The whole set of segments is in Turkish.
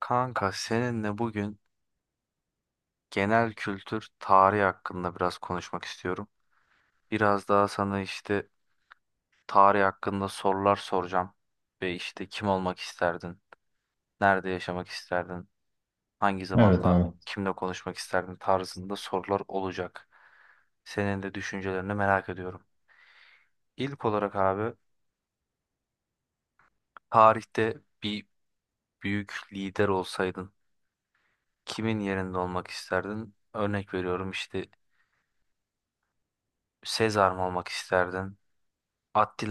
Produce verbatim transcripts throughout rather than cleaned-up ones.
Kanka seninle bugün genel kültür tarih hakkında biraz konuşmak istiyorum. Biraz daha sana işte tarih hakkında sorular soracağım. Ve işte kim olmak isterdin? Nerede yaşamak isterdin? Hangi Evet zamanda abi. kimle konuşmak isterdin tarzında sorular olacak. Senin de düşüncelerini merak ediyorum. İlk olarak abi tarihte bir büyük lider olsaydın kimin yerinde olmak isterdin? Örnek veriyorum işte, Sezar mı olmak isterdin?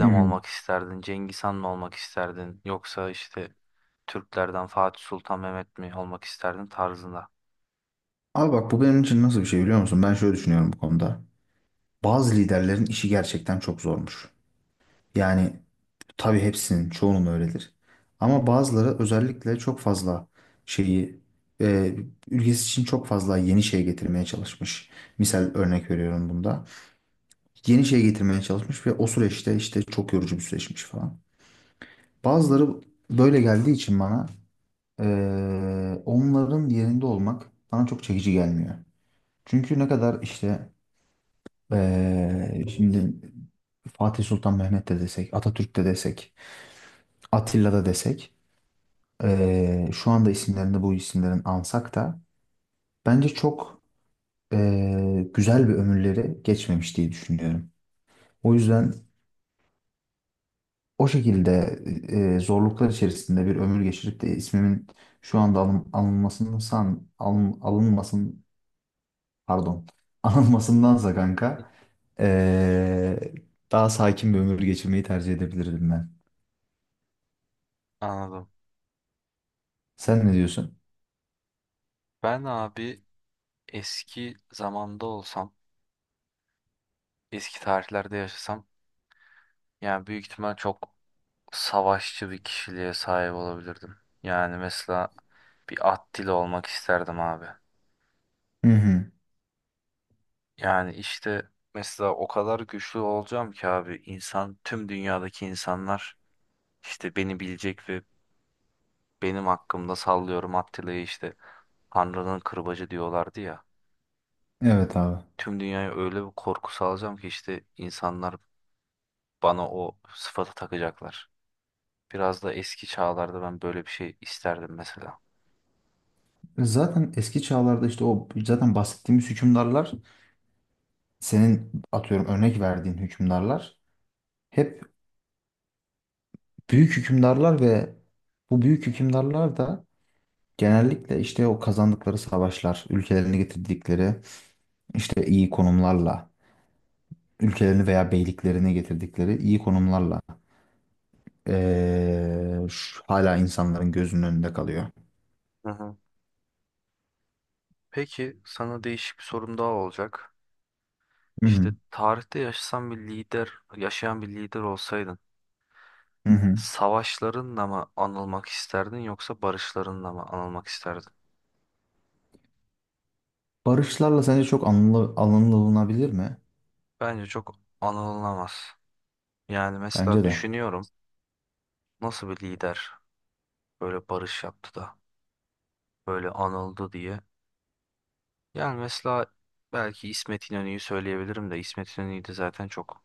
Hı mı hı. olmak isterdin, Cengiz Han mı olmak isterdin, yoksa işte Türklerden Fatih Sultan Mehmet mi olmak isterdin tarzında. Abi bak, bu benim için nasıl bir şey biliyor musun? Ben şöyle düşünüyorum bu konuda. Bazı liderlerin işi gerçekten çok zormuş. Yani tabii hepsinin, çoğunun öyledir. Ama bazıları özellikle çok fazla şeyi, e, ülkesi için çok fazla yeni şey getirmeye çalışmış. Misal, örnek veriyorum bunda. Yeni şey getirmeye çalışmış ve o süreçte işte çok yorucu bir süreçmiş falan. Bazıları böyle geldiği için bana e, onların yerinde olmak bana çok çekici gelmiyor. Çünkü ne kadar işte eee, şimdi Fatih Sultan Mehmet de desek, Atatürk de desek, Atilla da desek, eee, şu anda isimlerinde bu isimlerin ansak da bence çok eee, güzel bir ömürleri geçmemiş diye düşünüyorum. O yüzden o şekilde eee, zorluklar içerisinde bir ömür geçirip de ismimin şu anda alın, alınmasını san, alın, alınmasın, pardon, anılmasındansa kanka ee, daha sakin bir ömür geçirmeyi tercih edebilirdim ben. Anladım. Sen ne diyorsun? Ben abi eski zamanda olsam, eski tarihlerde yaşasam, yani büyük ihtimal çok savaşçı bir kişiliğe sahip olabilirdim. Yani mesela bir Attila olmak isterdim abi. Hı hı. Yani işte mesela o kadar güçlü olacağım ki abi, insan, tüm dünyadaki insanlar işte beni bilecek ve benim hakkımda, sallıyorum, Attila'yı işte Tanrı'nın kırbacı diyorlardı ya. Evet abi. Tüm dünyaya öyle bir korku salacağım ki işte insanlar bana o sıfatı takacaklar. Biraz da eski çağlarda ben böyle bir şey isterdim mesela. E, Zaten eski çağlarda işte o zaten bahsettiğimiz hükümdarlar, senin atıyorum örnek verdiğin hükümdarlar hep büyük hükümdarlar ve bu büyük hükümdarlar da genellikle işte o kazandıkları savaşlar, ülkelerini getirdikleri işte iyi konumlarla ülkelerini veya beyliklerini getirdikleri iyi konumlarla eee, şu- hala insanların gözünün önünde kalıyor. Hı hı. Peki sana değişik bir sorum daha olacak. Hı İşte hı. tarihte yaşasan bir lider, yaşayan bir lider olsaydın, Hı hı. savaşlarınla mı anılmak isterdin yoksa barışlarınla mı anılmak isterdin? Barışlarla sence çok anla- anılınabilir mi? Bence çok anılmaz. Yani mesela Bence de. düşünüyorum, nasıl bir lider böyle barış yaptı da böyle anıldı diye. Yani mesela belki İsmet İnönü'yü söyleyebilirim de İsmet İnönü'yü de zaten çok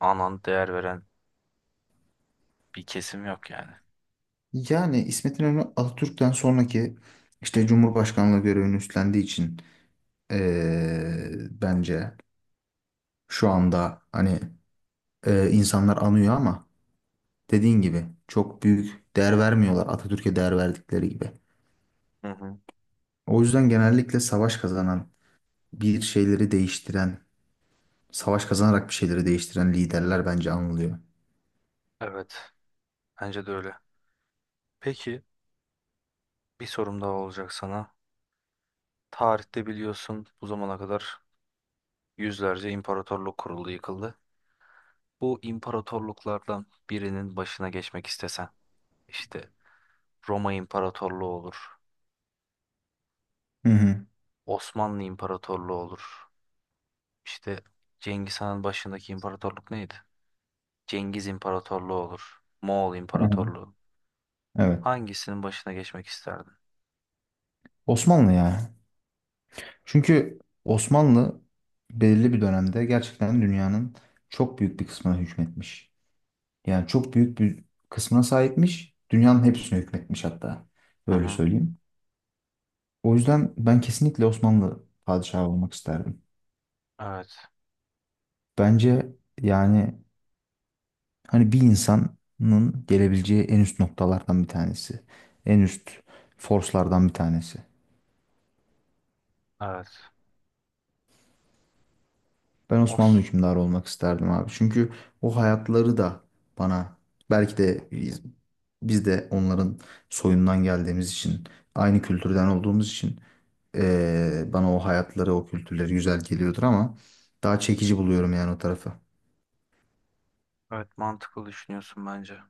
anan, değer veren bir kesim yok yani. Yani İsmet İnönü, Atatürk'ten sonraki işte Cumhurbaşkanlığı görevini üstlendiği için eee, bence şu anda hani eee, insanlar anıyor ama dediğin gibi çok büyük değer vermiyorlar Atatürk'e değer verdikleri gibi. Hı hı. O yüzden genellikle savaş kazanan, bir şeyleri değiştiren, savaş kazanarak bir şeyleri değiştiren liderler bence anılıyor. Evet, bence de öyle. Peki bir sorum daha olacak sana. Tarihte biliyorsun bu zamana kadar yüzlerce imparatorluk kuruldu, yıkıldı. Bu imparatorluklardan birinin başına geçmek istesen, işte Roma İmparatorluğu olur, Hı hı. Osmanlı İmparatorluğu olur. İşte Cengiz Han'ın başındaki imparatorluk neydi? Cengiz İmparatorluğu olur. Moğol Hı hı. İmparatorluğu. Evet. Hangisinin başına geçmek isterdin? Osmanlı ya. Çünkü Osmanlı belirli bir dönemde gerçekten dünyanın çok büyük bir kısmına hükmetmiş. Yani çok büyük bir kısmına sahipmiş. Dünyanın hepsine hükmetmiş hatta. Hı Böyle hı. söyleyeyim. O yüzden ben kesinlikle Osmanlı padişahı olmak isterdim. Evet. Bence yani hani bir insanın gelebileceği en üst noktalardan bir tanesi. En üst forslardan bir tanesi. Evet. Ben Osmanlı Os. hükümdarı olmak isterdim abi. Çünkü o hayatları da bana belki de biz, biz de onların soyundan geldiğimiz için, aynı kültürden olduğumuz için eee, bana o hayatları, o kültürleri güzel geliyordur ama daha çekici buluyorum yani o tarafı. Evet, mantıklı düşünüyorsun bence.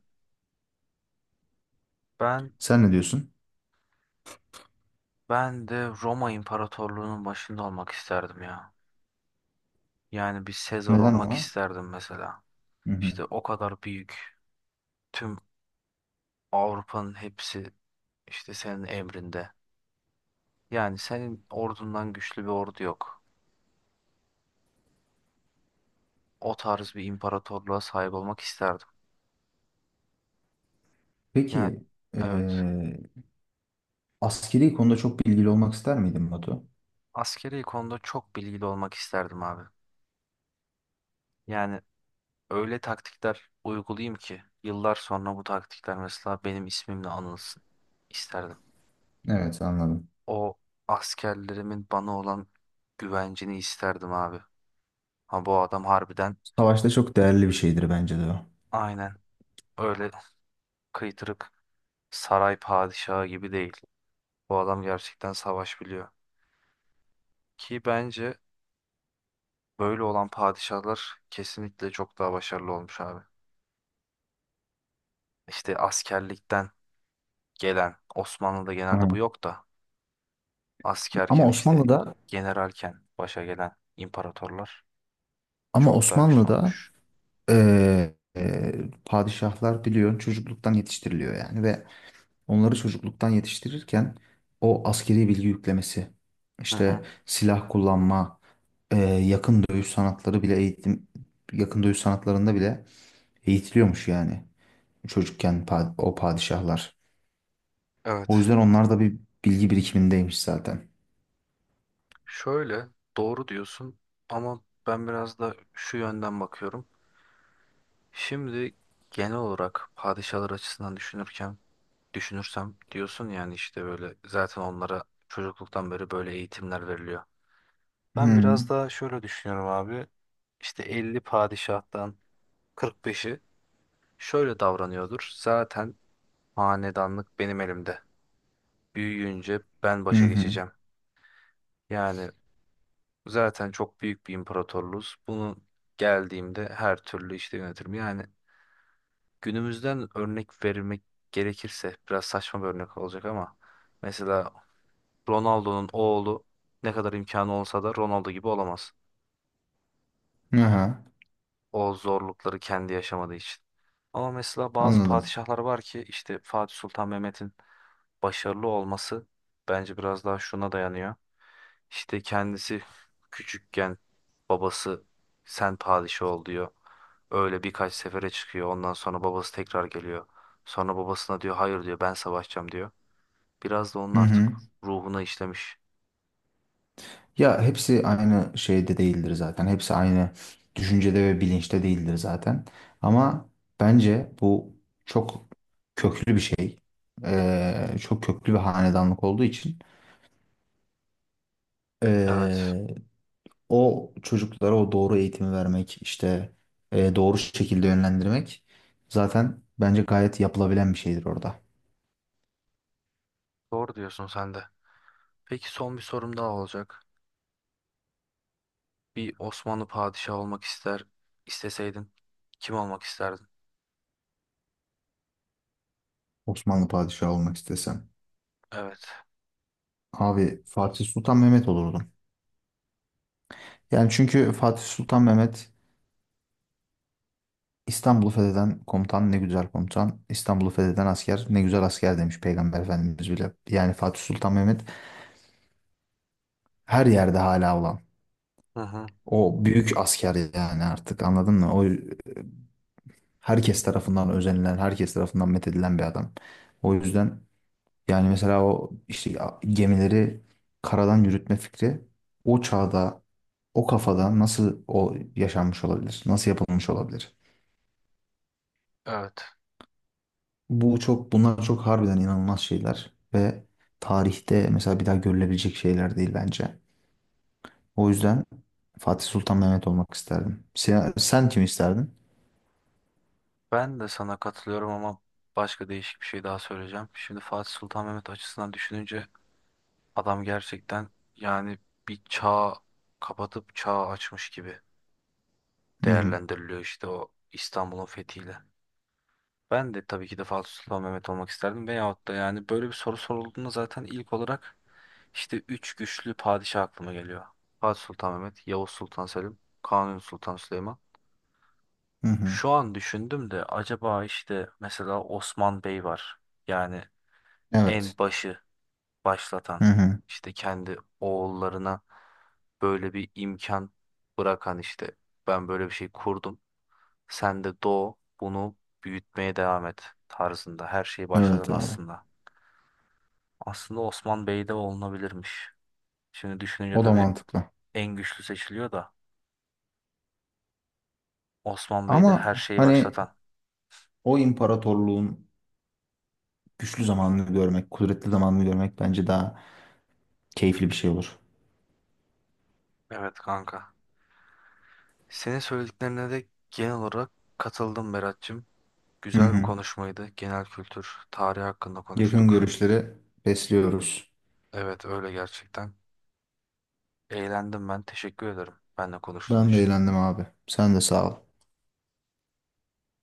Ben Sen ne diyorsun? ben de Roma İmparatorluğu'nun başında olmak isterdim ya. Yani bir Sezar Neden olmak ona? isterdim mesela. Hı hı. İşte o kadar büyük. Tüm Avrupa'nın hepsi işte senin emrinde. Yani senin ordundan güçlü bir ordu yok. O tarz bir imparatorluğa sahip olmak isterdim. Yani Peki evet. eee askeri konuda çok bilgili olmak ister miydin Batu? Askeri konuda çok bilgili olmak isterdim abi. Yani öyle taktikler uygulayayım ki yıllar sonra bu taktikler mesela benim ismimle anılsın isterdim. Evet, anladım. O askerlerimin bana olan güvencini isterdim abi. Ha, bu adam harbiden, Savaşta çok değerli bir şeydir bence de o. aynen, öyle kıytırık saray padişahı gibi değil. Bu adam gerçekten savaş biliyor. Ki bence böyle olan padişahlar kesinlikle çok daha başarılı olmuş abi. İşte askerlikten gelen, Osmanlı'da Hı genelde hı. bu yok da, Ama askerken işte, Osmanlı'da generalken başa gelen imparatorlar ama çok daha güçlü Osmanlı'da olmuş. Ee, e, padişahlar biliyorsun çocukluktan yetiştiriliyor yani ve onları çocukluktan yetiştirirken o askeri bilgi yüklemesi, Hı hı. işte silah kullanma, e, yakın dövüş sanatları bile eğitim, yakın dövüş sanatlarında bile eğitiliyormuş yani çocukken pa- o padişahlar. Evet. O yüzden onlar da bir bilgi birikimindeymiş zaten. Şöyle, doğru diyorsun ama ben biraz da şu yönden bakıyorum. Şimdi genel olarak padişahlar açısından düşünürken düşünürsem diyorsun, yani işte böyle zaten onlara çocukluktan beri böyle eğitimler veriliyor. Ben Hı biraz daha şöyle düşünüyorum abi. İşte elli padişahtan kırk beşi şöyle davranıyordur. Zaten hanedanlık benim elimde. Büyüyünce ben hı başa hı. geçeceğim. Yani zaten çok büyük bir imparatorluğuz. Bunu geldiğimde her türlü işte yönetirim. Yani günümüzden örnek vermek gerekirse biraz saçma bir örnek olacak ama mesela Ronaldo'nun oğlu ne kadar imkanı olsa da Ronaldo gibi olamaz, Aha, o zorlukları kendi yaşamadığı için. Ama mesela bazı anladım. padişahlar var ki işte Fatih Sultan Mehmet'in başarılı olması bence biraz daha şuna dayanıyor. İşte kendisi küçükken babası sen padişah ol diyor. Öyle birkaç sefere çıkıyor. Ondan sonra babası tekrar geliyor. Sonra babasına diyor hayır diyor, ben savaşacağım diyor. Biraz da onun Hı artık hı. ruhuna işlemiş. Ya hepsi aynı şeyde değildir zaten. Hepsi aynı düşüncede ve bilinçte değildir zaten. Ama bence bu çok köklü bir şey. Ee, çok köklü bir hanedanlık olduğu için Evet, ee, o çocuklara o doğru eğitimi vermek, işte ee, doğru şekilde yönlendirmek zaten bence gayet yapılabilen bir şeydir orada. doğru diyorsun sen de. Peki son bir sorum daha olacak. Bir Osmanlı padişahı olmak ister isteseydin kim olmak isterdin? Osmanlı padişahı olmak istesem. Evet. Abi Fatih Sultan Mehmet olurdum. Yani çünkü Fatih Sultan Mehmet, İstanbul'u fetheden komutan ne güzel komutan, İstanbul'u fetheden asker ne güzel asker demiş Peygamber Efendimiz bile. Yani Fatih Sultan Mehmet her yerde hala olan. Hı hı. O büyük asker yani, artık anladın mı? O herkes tarafından özenilen, herkes tarafından methedilen bir adam. O yüzden, yani mesela o işte a- gemileri karadan yürütme fikri o çağda, o kafada nasıl o yaşanmış olabilir? Nasıl yapılmış olabilir? Evet. Bu çok bunlar çok harbiden inanılmaz şeyler ve tarihte mesela bir daha görülebilecek şeyler değil bence. O yüzden Fatih Sultan Mehmet olmak isterdim. Sen, sen kim isterdin? Ben de sana katılıyorum ama başka değişik bir şey daha söyleyeceğim. Şimdi Fatih Sultan Mehmet açısından düşününce adam gerçekten, yani, bir çağ kapatıp çağ açmış gibi Hı hı. değerlendiriliyor işte o İstanbul'un fethiyle. Ben de tabii ki de Fatih Sultan Mehmet olmak isterdim. Veyahut da, yani böyle bir soru sorulduğunda zaten ilk olarak işte üç güçlü padişah aklıma geliyor. Fatih Sultan Mehmet, Yavuz Sultan Selim, Kanuni Sultan Süleyman. Hı hı. Şu an düşündüm de acaba işte mesela Osman Bey var. Yani Evet. en başı başlatan, Hı hı. işte kendi oğullarına böyle bir imkan bırakan, işte ben böyle bir şey kurdum. Sen de doğ, bunu büyütmeye devam et tarzında. Her şeyi Evet başladın abi. aslında. Aslında Osman Bey de olunabilirmiş. Şimdi düşününce O da tabii mantıklı. en güçlü seçiliyor da Osman Bey de Ama her şeyi hani başlatan. o imparatorluğun güçlü zamanını görmek, kudretli zamanını görmek bence daha keyifli bir şey olur. Evet kanka. Senin söylediklerine de genel olarak katıldım Berat'cığım. Hı Güzel bir hı. konuşmaydı. Genel kültür, tarih hakkında Yakın konuştuk. görüşleri besliyoruz. Evet, öyle gerçekten. Eğlendim ben. Teşekkür ederim benimle konuştuğun Ben de için. eğlendim abi. Sen de sağ ol.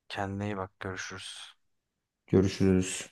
Kendine iyi bak. Görüşürüz. Görüşürüz.